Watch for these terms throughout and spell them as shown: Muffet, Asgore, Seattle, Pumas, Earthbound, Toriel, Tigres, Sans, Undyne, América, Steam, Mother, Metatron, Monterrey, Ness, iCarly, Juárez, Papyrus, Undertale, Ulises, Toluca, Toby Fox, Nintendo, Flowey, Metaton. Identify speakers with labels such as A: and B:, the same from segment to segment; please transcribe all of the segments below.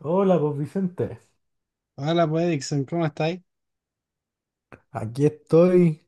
A: Hola, pues Vicente.
B: Hola, pues Dixon, ¿cómo estáis?
A: Aquí estoy,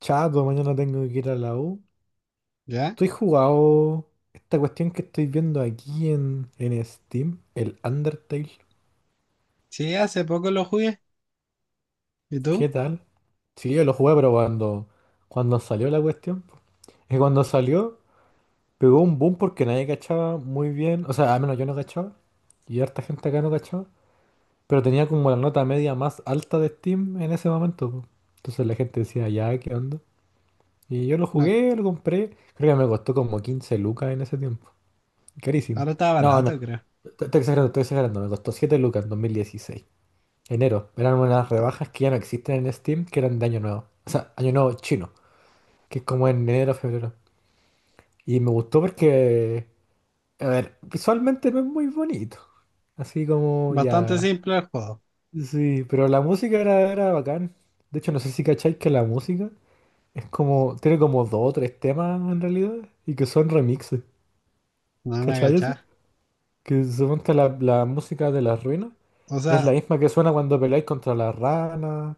A: chato, mañana tengo que ir a la U.
B: ¿Ya?
A: Estoy jugado esta cuestión que estoy viendo aquí en Steam, el Undertale.
B: Sí, hace poco lo jugué. ¿Y
A: ¿Qué
B: tú?
A: tal? Sí, yo lo jugué, pero cuando salió la cuestión. Y cuando salió, pegó un boom porque nadie cachaba muy bien. O sea, al menos yo no cachaba. Y harta gente acá no cachaba. Pero tenía como la nota media más alta de Steam en ese momento, po. Entonces la gente decía, ya, ¿qué onda? Y yo lo
B: No,
A: jugué, lo compré. Creo que me costó como 15 lucas en ese tiempo. Carísimo.
B: ahora está
A: No, no,
B: barato, creo.
A: estoy exagerando, estoy exagerando. Me costó 7 lucas en dos mil dieciséis, enero. Eran unas
B: Está
A: rebajas que ya no existen en Steam, que eran de año nuevo. O sea, año nuevo chino, que es como en enero, febrero. Y me gustó porque, a ver, visualmente no es muy bonito. Así como
B: bastante
A: ya...
B: simple el juego.
A: Sí, pero la música era bacán. De hecho, no sé si cacháis que la música es como, tiene como dos o tres temas en realidad y que son remixes.
B: No me
A: ¿Cachai eso?
B: agachás.
A: Que suponte la música de las ruinas
B: O
A: es la
B: sea,
A: misma que suena cuando peleáis contra las ranas,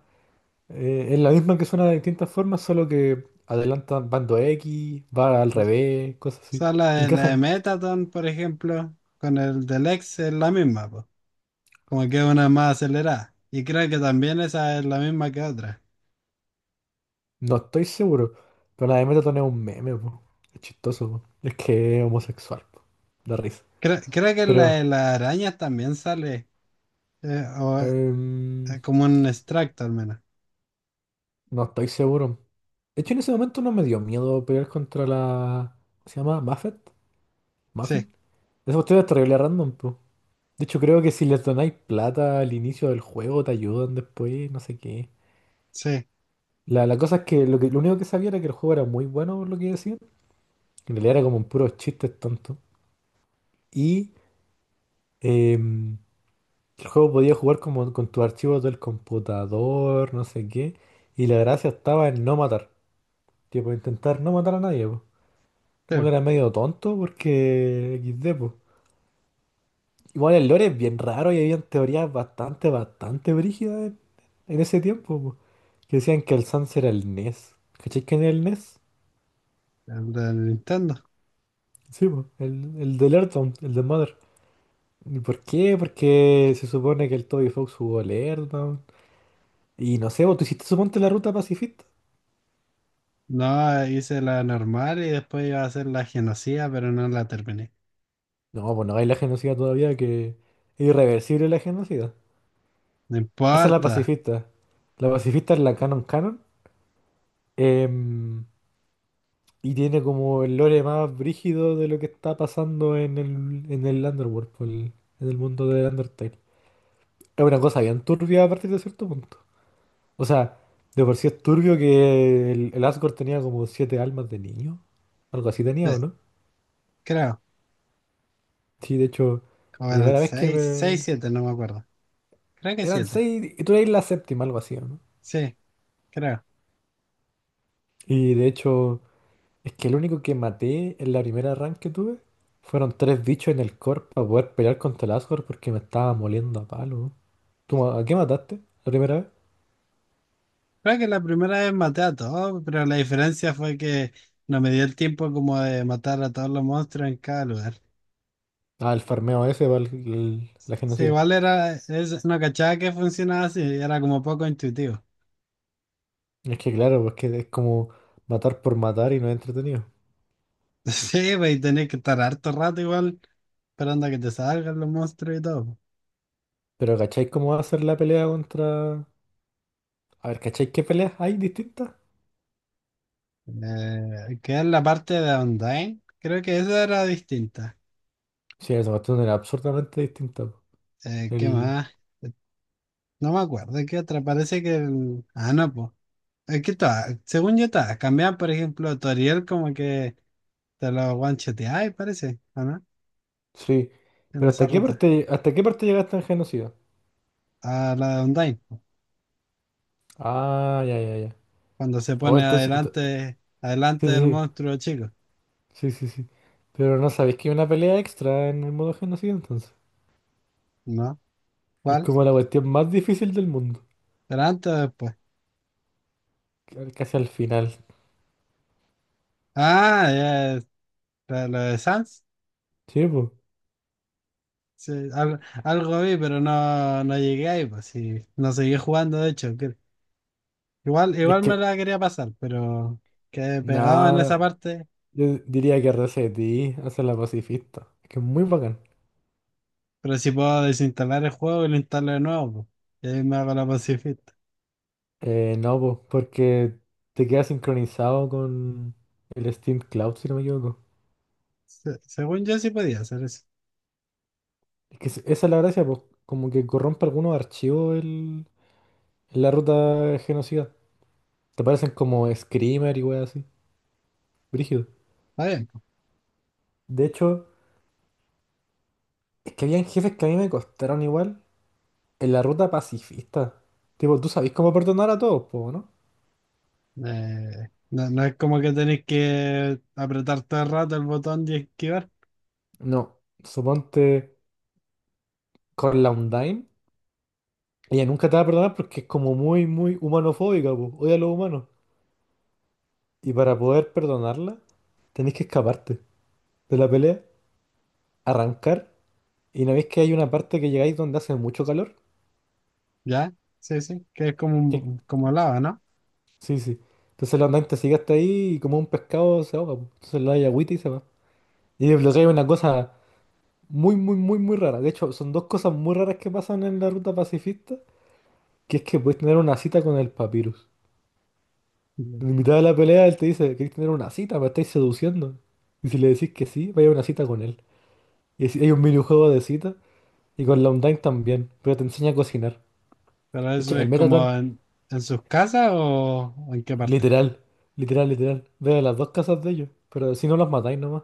A: es la misma que suena de distintas formas, solo que adelantan bando X, va al
B: o
A: revés, cosas así.
B: sea, la de
A: Encajan,
B: Metaton, por ejemplo, con el del ex es la misma, pues. Como que una es más acelerada. Y creo que también esa es la misma que otra.
A: no estoy seguro, pero la de Metatron es un meme, po. Es chistoso, po. Es que es homosexual, po. Da risa.
B: Creo que la de
A: Pero,
B: las arañas también sale. O,
A: em,
B: como un extracto al menos.
A: no estoy seguro. De hecho, en ese momento no me dio miedo pelear contra la... ¿Cómo se llama? ¿Muffet?
B: Sí,
A: Muffin. Esa cuestión es terrible random, po. De hecho, creo que si les donáis plata al inicio del juego, te ayudan después, no sé qué.
B: sí,
A: La cosa es que lo único que sabía era que el juego era muy bueno, por lo que decían. En realidad era como un puro chiste tonto. Y em, el juego podía jugar como con tus archivos del computador, no sé qué. Y la gracia estaba en no matar. Tipo, intentar no matar a nadie, po. Como que
B: sí.
A: era medio tonto porque XD, po. Igual el lore es bien raro y había teorías bastante, bastante brígidas en ese tiempo, po. Que decían que el Sans era el Ness. ¿Cachai quién es el Ness?
B: El del Nintendo.
A: Sí, po, el del Earthbound, el de Mother. ¿Y por qué? Porque se supone que el Toby Fox jugó el Earthbound. Y no sé, vos, ¿tú hiciste suponte la ruta pacifista?
B: No, hice la normal y después iba a hacer la genocida, pero no la terminé.
A: No, pues no hay la genocida todavía, que es irreversible la genocida.
B: No
A: Hace la
B: importa.
A: pacifista. La pacifista es la canon canon. Em, y tiene como el lore más brígido de lo que está pasando en el Underworld, po, en el mundo de Undertale. Es una cosa bien turbia a partir de cierto punto. O sea, de por sí es turbio que el Asgore tenía como siete almas de niño. Algo así
B: Sí,
A: tenía, ¿o no?
B: creo.
A: Sí, de hecho,
B: O eran
A: primera vez que
B: seis, seis,
A: me...
B: siete, no me acuerdo. Creo que
A: Eran
B: siete.
A: seis y tú eres la séptima, algo así, ¿o no?
B: Sí, creo.
A: Y de hecho, es que el único que maté en la primera run que tuve fueron tres bichos en el core para poder pelear contra el Asgore porque me estaba moliendo a palo. ¿Cómo, a qué mataste la primera vez?
B: Creo que la primera vez maté a todos, pero la diferencia fue que no me dio el tiempo como de matar a todos los monstruos en cada lugar.
A: Ah, el farmeo ese para la
B: Sí,
A: genocida.
B: igual era, es, no cachaba que funcionaba así, era como poco intuitivo.
A: Es que claro, pues que es como matar por matar y no es entretenido.
B: Sí, pues y tenés que estar harto rato igual esperando a que te salgan los monstruos y todo.
A: Pero ¿cacháis cómo va a ser la pelea contra...? A ver, ¿cacháis qué peleas hay distintas?
B: Queda en la parte de Undyne. Creo que esa era distinta.
A: Sí, esa cuestión era absurdamente distinta, po.
B: ¿Qué
A: El...
B: más? Eh, No me acuerdo. ¿Qué otra? Parece que el... Ah, no, pues. Es que todas, según yo todas, cambiaban, por ejemplo, Toriel como que te lo one-shoteaba, parece, ¿o no?
A: Sí.
B: En
A: Pero
B: esa ruta.
A: hasta qué parte llegaste en genocida?
B: A la de Undyne, po.
A: Ah, ya, ya, ya.
B: Cuando se
A: Oh,
B: pone
A: entonces...
B: adelante,
A: Sí,
B: adelante del
A: sí,
B: monstruo chico,
A: sí, sí, sí, sí. Pero no sabéis que hay una pelea extra en el modo genocida entonces.
B: ¿no?
A: Que es
B: ¿Cuál?
A: como la cuestión más difícil del mundo.
B: ¿Pero antes o después?
A: Casi al final.
B: Ah, ya, la la de Sans.
A: Sí, pues.
B: Sí, al- algo vi, pero no, no llegué ahí, pues sí. No seguí jugando, de hecho. Que- igual,
A: Es
B: igual me
A: que,
B: la quería pasar, pero quedé pegado en esa
A: nada,
B: parte.
A: yo diría que Resetí hace la pacifista. Es que es muy bacán.
B: Pero si puedo desinstalar el juego y lo instalo de nuevo, pues. Y ahí me hago la pacifista.
A: No, pues, porque te queda sincronizado con el Steam Cloud, si no me equivoco.
B: Se- según yo sí podía hacer eso.
A: Es que esa es la gracia, pues, como que corrompe algunos archivos la ruta genocida. Te parecen como Screamer y weas así. Brígido.
B: Está bien, pues.
A: De hecho, es que habían jefes que a mí me costaron igual en la ruta pacifista. Tipo, tú sabés cómo perdonar a todos, pues, ¿no?
B: No, no es como que tenéis que apretar todo el rato el botón de esquivar.
A: No, suponte. Con la Undyne, ella nunca te va a perdonar porque es como muy, muy humanofóbica, po, odia a los humanos. Y para poder perdonarla, tenéis que escaparte de la pelea, arrancar. Y no veis que hay una parte que llegáis donde hace mucho calor.
B: ¿Ya? Sí, sí. Que es como
A: Que-
B: un, como lava, ¿no?
A: Sí, sí. Entonces la Undyne te sigue hasta ahí y como un pescado se ahoga, po. Entonces le da agüita y se va. Y desbloqueáis una cosa muy, muy, muy, muy rara. De hecho, son dos cosas muy raras que pasan en la ruta pacifista, que es que puedes tener una cita con el papyrus.
B: Ujú.
A: En mitad de la pelea, él te dice, ¿queréis tener una cita? ¿Me estáis seduciendo? Y si le decís que sí, vaya a una cita con él. Y hay un minijuego de cita y con la online también, pero te enseña a cocinar.
B: Pero
A: De hecho,
B: eso
A: el
B: es como
A: Metatron,
B: en sus casas o en qué parte.
A: literal, literal, literal, ve a las dos casas de ellos, pero si no los matáis nomás.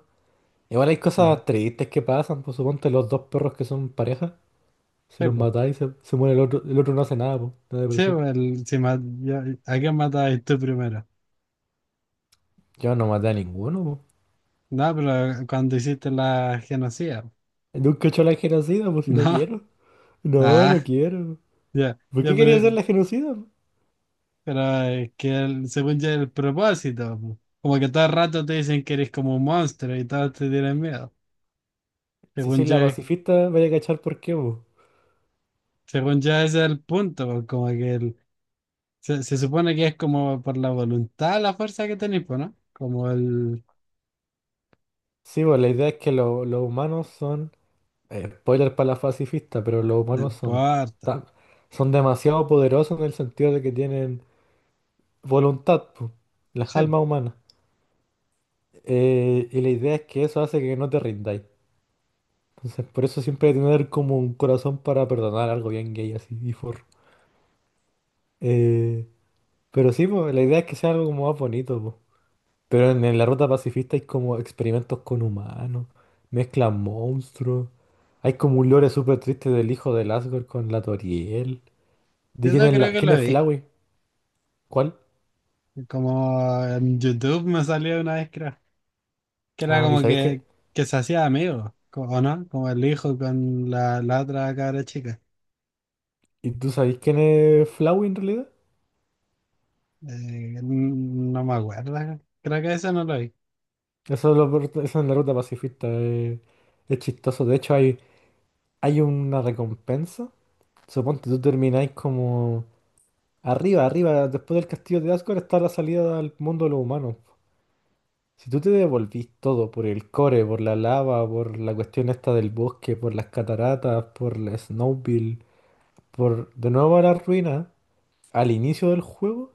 A: Igual hay cosas tristes que pasan, pues suponte los dos perros que son pareja, si
B: Sí,
A: los
B: pues.
A: matáis se muere el otro no hace nada, pues, de
B: Sí,
A: depresión.
B: pues, el- si ma- ya- ¿a quién matabas tú primero?
A: Yo no maté a ninguno,
B: No, pero cuando hiciste la genocida.
A: pues. Nunca he hecho la genocida, pues si no
B: No.
A: quiero. No, no
B: Ah,
A: quiero.
B: ya.
A: ¿Por
B: Ya,
A: qué quería hacer la genocida, pues?
B: pero es que el- según ya el propósito, pues. Como que todo el rato te dicen que eres como un monstruo y todos te tienen miedo.
A: Si
B: Según
A: sois la
B: ya,
A: pacifista, vaya a cachar por qué, bu.
B: según ya ese es el punto, pues, como que el- se supone que es como por la voluntad, la fuerza que tenéis, pues, ¿no? Como el...
A: Sí, pues la idea es que los humanos son. Eh, spoiler para la pacifista, pero los
B: No
A: humanos son
B: importa.
A: tan, son demasiado poderosos en el sentido de que tienen voluntad, pues, las
B: Sí,
A: almas humanas. Y la idea es que eso hace que no te rindáis. Entonces, por eso siempre hay que tener como un corazón para perdonar algo bien gay así, y for. Eh, pero sí, pues la idea es que sea algo como más bonito, pues. Pero en la ruta pacifista hay como experimentos con humanos, mezclan monstruos. Hay como un lore súper triste del hijo de Asgore con la Toriel. ¿De quién
B: eso
A: es
B: creo que
A: quién
B: lo
A: es
B: vi.
A: Flawey? ¿Cuál?
B: Como en YouTube me salió una vez, creo, que era
A: Ah, ¿y
B: como
A: sabéis qué?
B: que se hacía amigo, co- ¿o no? Como el hijo con la, la otra cabra chica.
A: ¿Y tú sabéis quién es Flawey en realidad?
B: No me acuerdo, creo que eso no lo vi.
A: Eso es, eso es en la ruta pacifista. Es chistoso. De hecho, hay una recompensa. Suponte tú termináis como arriba, arriba, después del castillo de Asgore está la salida al mundo de los humanos. Si tú te devolvís todo por el core, por la lava, por la cuestión esta del bosque, por las cataratas, por la Snowbill, por de nuevo a la ruina, al inicio del juego,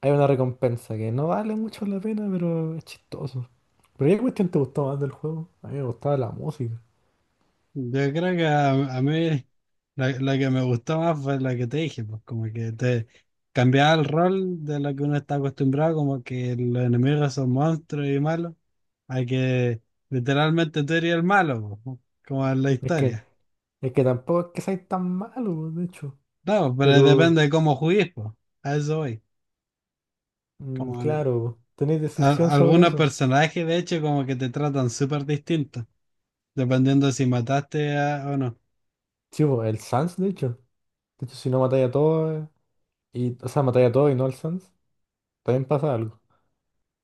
A: hay una recompensa que no vale mucho la pena, pero es chistoso. Pero ¿qué cuestión te gustó más del juego? A mí me gustaba la música.
B: Yo creo que a mí la que me gustó más fue la que te dije, pues como que te cambiaba el rol de lo que uno está acostumbrado, como que los enemigos son monstruos y malos, a que literalmente tú eres el malo, pues, como en la
A: Es que,
B: historia.
A: es que tampoco es que seáis tan malo, de hecho.
B: No, pero depende
A: Pero,
B: de cómo juegues, pues. A eso voy. Como al-
A: claro, tenéis decisión
B: a-
A: sobre
B: algunos
A: eso.
B: personajes, de hecho, como que te tratan súper distinto, dependiendo si mataste a- o no.
A: Chivo, el Sans, de hecho. De hecho, si no matáis a todos, y, o sea, matáis a todos y no al Sans. También pasa algo.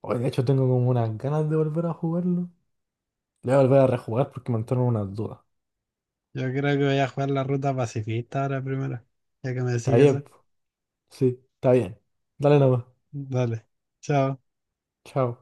A: Hoy, de hecho, tengo como unas ganas de volver a jugarlo. Le voy a volver a rejugar porque me entraron unas dudas.
B: Yo creo que voy a jugar la ruta pacifista ahora primero, ya que me decís
A: Está bien,
B: eso.
A: po. Sí, está bien. Dale nomás.
B: Dale, chao.
A: Chao.